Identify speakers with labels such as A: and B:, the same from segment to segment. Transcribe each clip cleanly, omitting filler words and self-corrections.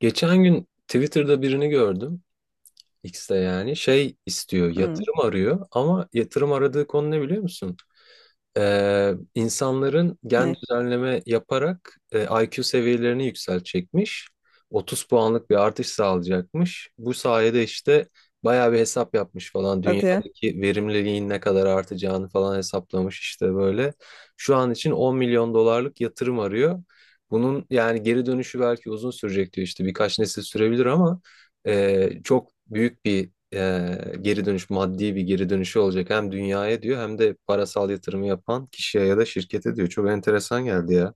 A: Geçen gün Twitter'da birini gördüm. X'te yani şey istiyor,
B: Hmm,
A: yatırım arıyor ama yatırım aradığı konu ne biliyor musun? İnsanların gen
B: ne?
A: düzenleme yaparak IQ seviyelerini yükseltecekmiş. 30 puanlık bir artış sağlayacakmış. Bu sayede işte bayağı bir hesap yapmış falan.
B: Hadi ya.
A: Dünyadaki verimliliğin ne kadar artacağını falan hesaplamış işte böyle. Şu an için 10 milyon dolarlık yatırım arıyor. Bunun yani geri dönüşü belki uzun sürecek diyor işte birkaç nesil sürebilir ama çok büyük bir geri dönüş maddi bir geri dönüşü olacak hem dünyaya diyor hem de parasal yatırımı yapan kişiye ya da şirkete diyor. Çok enteresan geldi ya.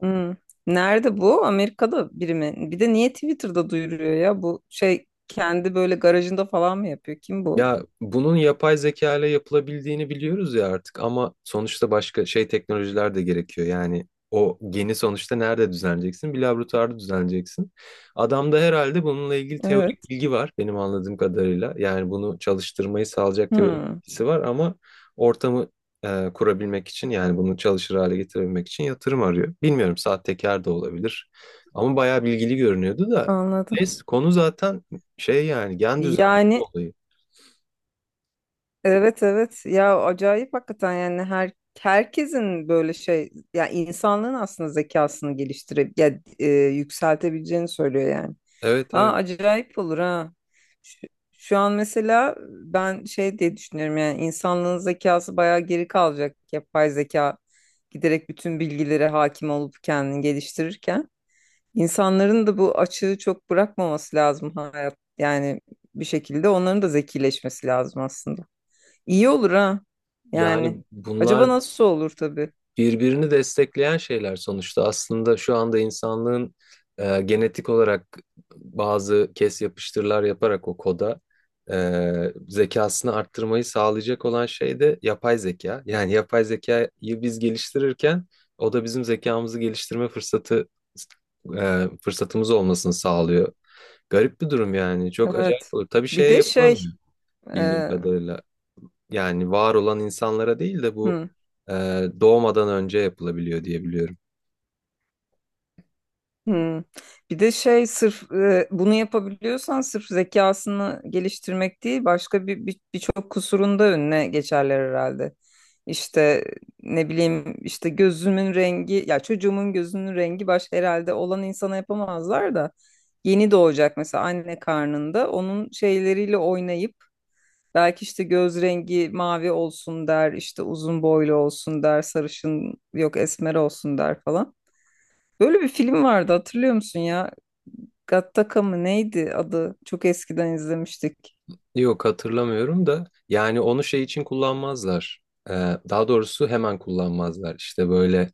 B: Hmm. Nerede bu? Amerika'da biri mi? Bir de niye Twitter'da duyuruyor ya? Bu şey kendi böyle garajında falan mı yapıyor? Kim bu?
A: Ya bunun yapay zeka ile yapılabildiğini biliyoruz ya artık ama sonuçta başka şey teknolojiler de gerekiyor. Yani o geni sonuçta nerede düzenleyeceksin? Bir laboratuvarda düzenleyeceksin. Adamda herhalde bununla ilgili teorik
B: Evet.
A: bilgi var benim anladığım kadarıyla. Yani bunu çalıştırmayı sağlayacak teorik
B: Hmm,
A: bilgisi var ama ortamı kurabilmek için yani bunu çalışır hale getirebilmek için yatırım arıyor. Bilmiyorum sahtekar da olabilir ama bayağı bilgili görünüyordu da.
B: anladım.
A: Neyse konu zaten şey yani gen düzenleme
B: Yani
A: olayı.
B: Evet evet ya, acayip hakikaten. Yani her herkesin böyle şey, ya insanlığın aslında zekasını geliştirip ya yükseltebileceğini söylüyor yani.
A: Evet,
B: Aa,
A: evet.
B: acayip olur ha. Şu, şu an mesela ben şey diye düşünüyorum. Yani insanlığın zekası bayağı geri kalacak, yapay zeka giderek bütün bilgilere hakim olup kendini geliştirirken insanların da bu açığı çok bırakmaması lazım hayat. Yani bir şekilde onların da zekileşmesi lazım aslında. İyi olur ha. Yani.
A: Yani
B: Acaba
A: bunlar
B: nasıl olur tabii.
A: birbirini destekleyen şeyler sonuçta. Aslında şu anda insanlığın genetik olarak bazı kes yapıştırlar yaparak o koda zekasını arttırmayı sağlayacak olan şey de yapay zeka. Yani yapay zekayı biz geliştirirken o da bizim zekamızı geliştirme fırsatı fırsatımız olmasını sağlıyor. Garip bir durum yani. Çok acayip
B: Evet.
A: olur. Tabii
B: Bir
A: şeye
B: de şey,
A: yapılamıyor bildiğim
B: e,
A: kadarıyla. Yani var olan insanlara değil de bu
B: hı,
A: e, doğmadan önce yapılabiliyor diye biliyorum.
B: hı. Bir de şey, sırf bunu yapabiliyorsan, sırf zekasını geliştirmek değil, başka birçok kusurun da önüne geçerler herhalde. İşte ne bileyim, işte gözümün rengi, ya çocuğumun gözünün rengi baş herhalde, olan insana yapamazlar da yeni doğacak, mesela anne karnında onun şeyleriyle oynayıp, belki işte göz rengi mavi olsun der, işte uzun boylu olsun der, sarışın yok esmer olsun der falan. Böyle bir film vardı, hatırlıyor musun ya? Gattaca mı neydi adı? Çok eskiden izlemiştik.
A: Yok hatırlamıyorum da yani onu şey için kullanmazlar. Ee, daha doğrusu hemen kullanmazlar. İşte böyle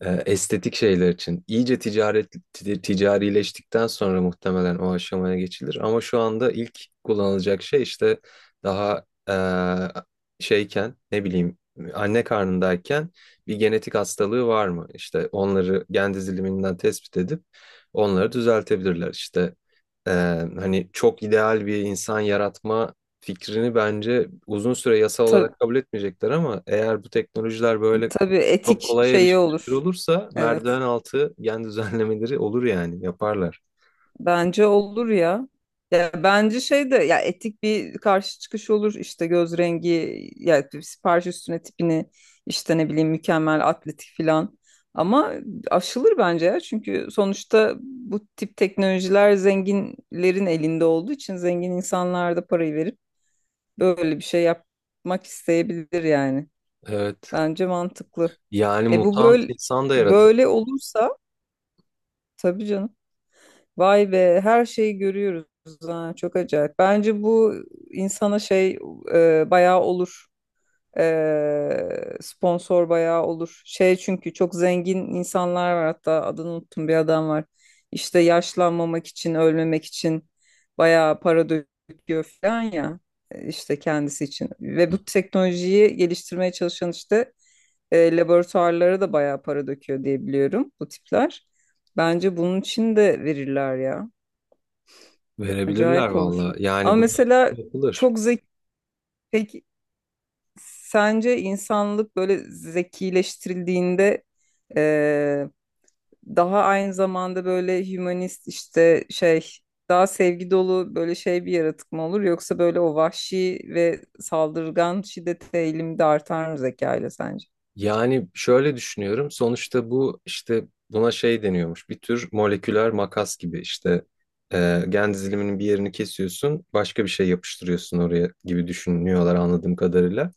A: estetik şeyler için. İyice ticaret ticarileştikten sonra muhtemelen o aşamaya geçilir. Ama şu anda ilk kullanılacak şey işte daha şeyken ne bileyim anne karnındayken bir genetik hastalığı var mı? İşte onları gen diziliminden tespit edip onları düzeltebilirler. İşte ee, hani çok ideal bir insan yaratma fikrini bence uzun süre yasal
B: Tabii,
A: olarak kabul etmeyecekler ama eğer bu teknolojiler böyle
B: tabii
A: çok
B: etik
A: kolay
B: şeyi
A: erişilebilir
B: olur.
A: olursa
B: Evet.
A: merdiven altı gen düzenlemeleri olur yani yaparlar.
B: Bence olur ya. Ya bence şey de, ya etik bir karşı çıkış olur işte, göz rengi ya sipariş üstüne tipini, işte ne bileyim mükemmel atletik filan. Ama aşılır bence ya, çünkü sonuçta bu tip teknolojiler zenginlerin elinde olduğu için zengin insanlar da parayı verip böyle bir şey yapmak isteyebilir yani.
A: Evet.
B: Bence mantıklı.
A: Yani
B: E bu
A: mutant
B: böyle
A: insan da yaratır.
B: olursa tabii canım. Vay be, her şeyi görüyoruz ha, çok acayip. Bence bu insana şey, bayağı olur. E, sponsor bayağı olur. Şey, çünkü çok zengin insanlar var, hatta adını unuttum, bir adam var. İşte yaşlanmamak için, ölmemek için bayağı para döküyor falan ya, işte kendisi için. Ve bu teknolojiyi geliştirmeye çalışan işte laboratuvarlara da bayağı para döküyor diye biliyorum, bu tipler. Bence bunun için de verirler ya.
A: Verebilirler
B: Acayip olur.
A: valla.
B: Ama
A: Yani bunu
B: mesela
A: yapılır.
B: çok zeki, peki sence insanlık böyle zekileştirildiğinde daha aynı zamanda böyle hümanist işte şey, daha sevgi dolu böyle şey bir yaratık mı olur, yoksa böyle o vahşi ve saldırgan şiddete eğilimde de artar mı zeka ile sence?
A: Yani şöyle düşünüyorum. Sonuçta bu işte buna şey deniyormuş. Bir tür moleküler makas gibi işte gen diziliminin bir yerini kesiyorsun, başka bir şey yapıştırıyorsun oraya gibi düşünüyorlar anladığım kadarıyla.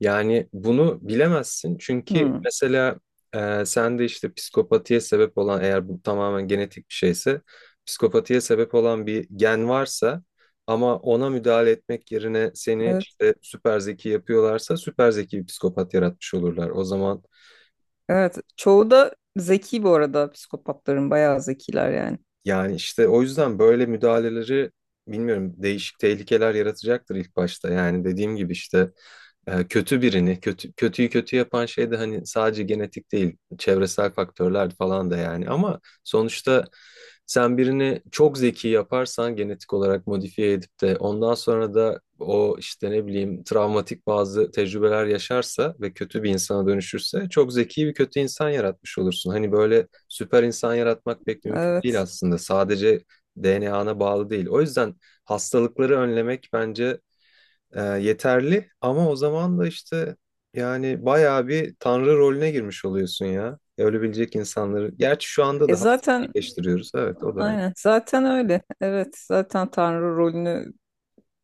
A: Yani bunu bilemezsin çünkü
B: Hmm,
A: mesela sende işte psikopatiye sebep olan eğer bu tamamen genetik bir şeyse psikopatiye sebep olan bir gen varsa ama ona müdahale etmek yerine seni
B: evet.
A: işte süper zeki yapıyorlarsa süper zeki bir psikopat yaratmış olurlar. O zaman
B: Evet, çoğu da zeki bu arada. Psikopatların bayağı zekiler yani.
A: yani işte o yüzden böyle müdahaleleri bilmiyorum değişik tehlikeler yaratacaktır ilk başta. Yani dediğim gibi işte kötü birini, kötü, kötüyü kötü yapan şey de hani sadece genetik değil, çevresel faktörler falan da yani. Ama sonuçta sen birini çok zeki yaparsan genetik olarak modifiye edip de ondan sonra da o işte ne bileyim travmatik bazı tecrübeler yaşarsa ve kötü bir insana dönüşürse çok zeki bir kötü insan yaratmış olursun. Hani böyle süper insan yaratmak pek mümkün değil
B: Evet.
A: aslında. Sadece DNA'na bağlı değil. O yüzden hastalıkları önlemek bence yeterli ama o zaman da işte yani bayağı bir tanrı rolüne girmiş oluyorsun ya. Ölebilecek insanları. Gerçi şu anda
B: E
A: da hastalık
B: zaten
A: iyileştiriyoruz. Evet, o da.
B: aynen, zaten öyle. Evet, zaten Tanrı rolünü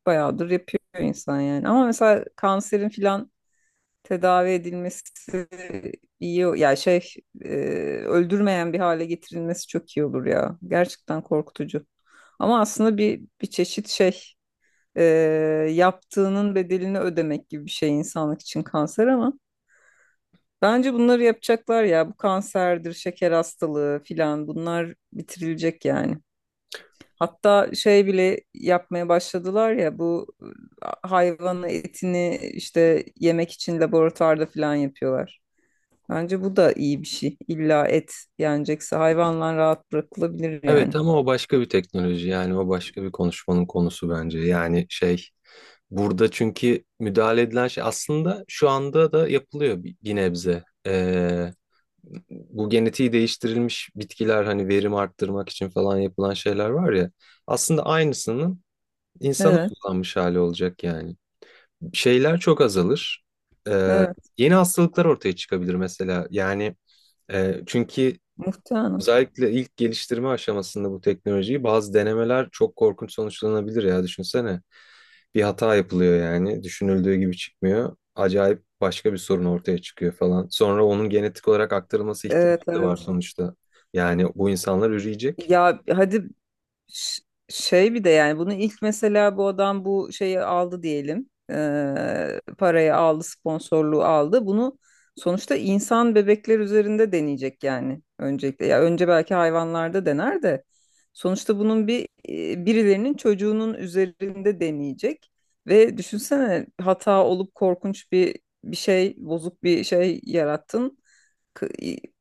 B: bayağıdır yapıyor insan yani. Ama mesela kanserin filan tedavi edilmesi iyi. Ya şey, e, öldürmeyen bir hale getirilmesi çok iyi olur ya. Gerçekten korkutucu. Ama aslında bir çeşit şey, e, yaptığının bedelini ödemek gibi bir şey insanlık için kanser. Ama bence bunları yapacaklar ya, bu kanserdir, şeker hastalığı filan, bunlar bitirilecek yani. Hatta şey bile yapmaya başladılar ya, bu hayvan etini işte yemek için laboratuvarda filan yapıyorlar. Bence bu da iyi bir şey. İlla et yenecekse hayvanlar rahat bırakılabilir yani.
A: Evet, ama o başka bir teknoloji yani o başka bir konuşmanın konusu bence. Yani şey burada çünkü müdahale edilen şey aslında şu anda da yapılıyor bir nebze. Bu genetiği değiştirilmiş bitkiler hani verim arttırmak için falan yapılan şeyler var ya aslında aynısının insana
B: Evet,
A: uygulanmış hali olacak yani. Şeyler çok azalır. Ee,
B: evet.
A: yeni hastalıklar ortaya çıkabilir mesela yani çünkü
B: Muhtemelen.
A: özellikle ilk geliştirme aşamasında bu teknolojiyi bazı denemeler çok korkunç sonuçlanabilir ya düşünsene. Bir hata yapılıyor yani düşünüldüğü gibi çıkmıyor. Acayip başka bir sorun ortaya çıkıyor falan. Sonra onun genetik olarak aktarılması
B: Evet,
A: ihtimali de var
B: evet.
A: sonuçta. Yani bu insanlar üreyecek.
B: Ya hadi Ş- Şey bir de, yani bunu ilk, mesela bu adam bu şeyi aldı diyelim. Parayı aldı, sponsorluğu aldı. Bunu sonuçta insan bebekler üzerinde deneyecek yani, öncelikle. Ya önce belki hayvanlarda dener de sonuçta bunun bir, birilerinin çocuğunun üzerinde deneyecek. Ve düşünsene, hata olup korkunç bir şey, bozuk bir şey yarattın. K-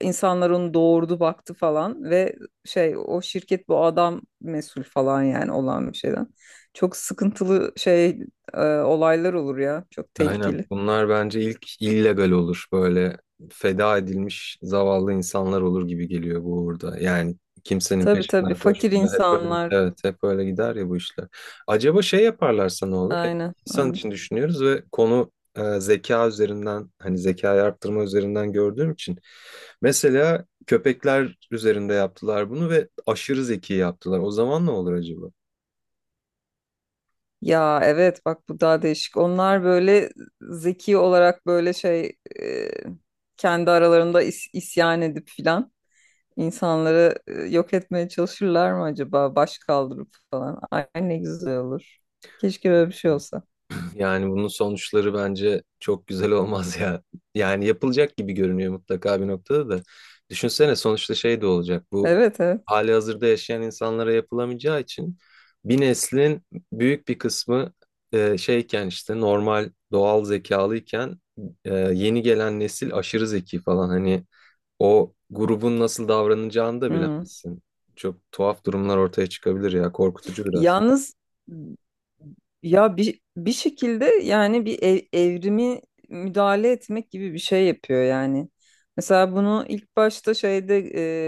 B: insanlar onu doğurdu, baktı falan, ve şey, o şirket, bu adam mesul falan yani olan bir şeyden. Çok sıkıntılı şey, olaylar olur ya. Çok
A: Aynen.
B: tehlikeli.
A: Bunlar bence ilk illegal olur. Böyle feda edilmiş zavallı insanlar olur gibi geliyor bu uğurda. Yani kimsenin
B: Tabii tabii,
A: peşinden
B: fakir
A: koşmayacağı. Hep öyle,
B: insanlar.
A: evet, hep öyle gider ya bu işler. Acaba şey yaparlarsa ne olur? Hep
B: Aynen
A: insan
B: aynen.
A: için düşünüyoruz ve konu zeka üzerinden, hani zekayı arttırma üzerinden gördüğüm için. Mesela köpekler üzerinde yaptılar bunu ve aşırı zeki yaptılar. O zaman ne olur acaba?
B: Ya evet, bak bu daha değişik. Onlar böyle zeki olarak böyle şey, e, kendi aralarında isyan edip filan. İnsanları yok etmeye çalışırlar mı acaba? Baş kaldırıp falan. Ay ne güzel olur. Keşke böyle bir şey olsa.
A: Yani bunun sonuçları bence çok güzel olmaz ya. Yani yapılacak gibi görünüyor mutlaka bir noktada da. Düşünsene sonuçta şey de olacak. Bu
B: Evet evet.
A: hali hazırda yaşayan insanlara yapılamayacağı için bir neslin büyük bir kısmı şeyken işte normal doğal zekalıyken yeni gelen nesil aşırı zeki falan. Hani o grubun nasıl davranacağını da
B: Hmm.
A: bilemezsin. Çok tuhaf durumlar ortaya çıkabilir ya. Korkutucu biraz.
B: Yalnız ya bir, bir şekilde yani evrimi müdahale etmek gibi bir şey yapıyor yani. Mesela bunu ilk başta şeyde,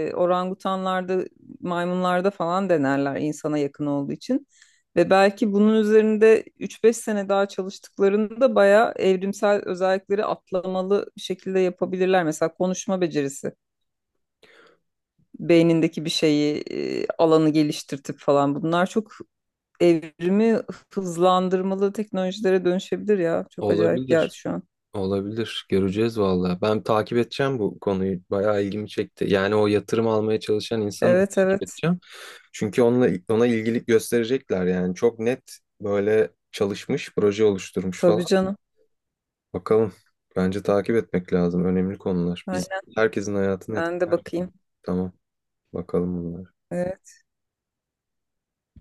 B: orangutanlarda, maymunlarda falan denerler insana yakın olduğu için. Ve belki bunun üzerinde üç beş sene daha çalıştıklarında bayağı evrimsel özellikleri atlamalı bir şekilde yapabilirler. Mesela konuşma becerisi, beynindeki bir şeyi, alanı geliştirtip falan, bunlar çok evrimi hızlandırmalı teknolojilere dönüşebilir ya. Çok acayip
A: Olabilir.
B: geldi şu an.
A: Olabilir. Göreceğiz valla. Ben takip edeceğim bu konuyu. Bayağı ilgimi çekti. Yani o yatırım almaya çalışan insanı da
B: Evet
A: takip
B: evet.
A: edeceğim. Çünkü onunla, ona ilgilik gösterecekler yani. Çok net böyle çalışmış, proje oluşturmuş
B: Tabii
A: falan.
B: canım.
A: Bakalım. Bence takip etmek lazım. Önemli konular. Biz
B: Aynen,
A: herkesin hayatını
B: ben de
A: etkiler.
B: bakayım.
A: Tamam. Bakalım bunlara.
B: Evet.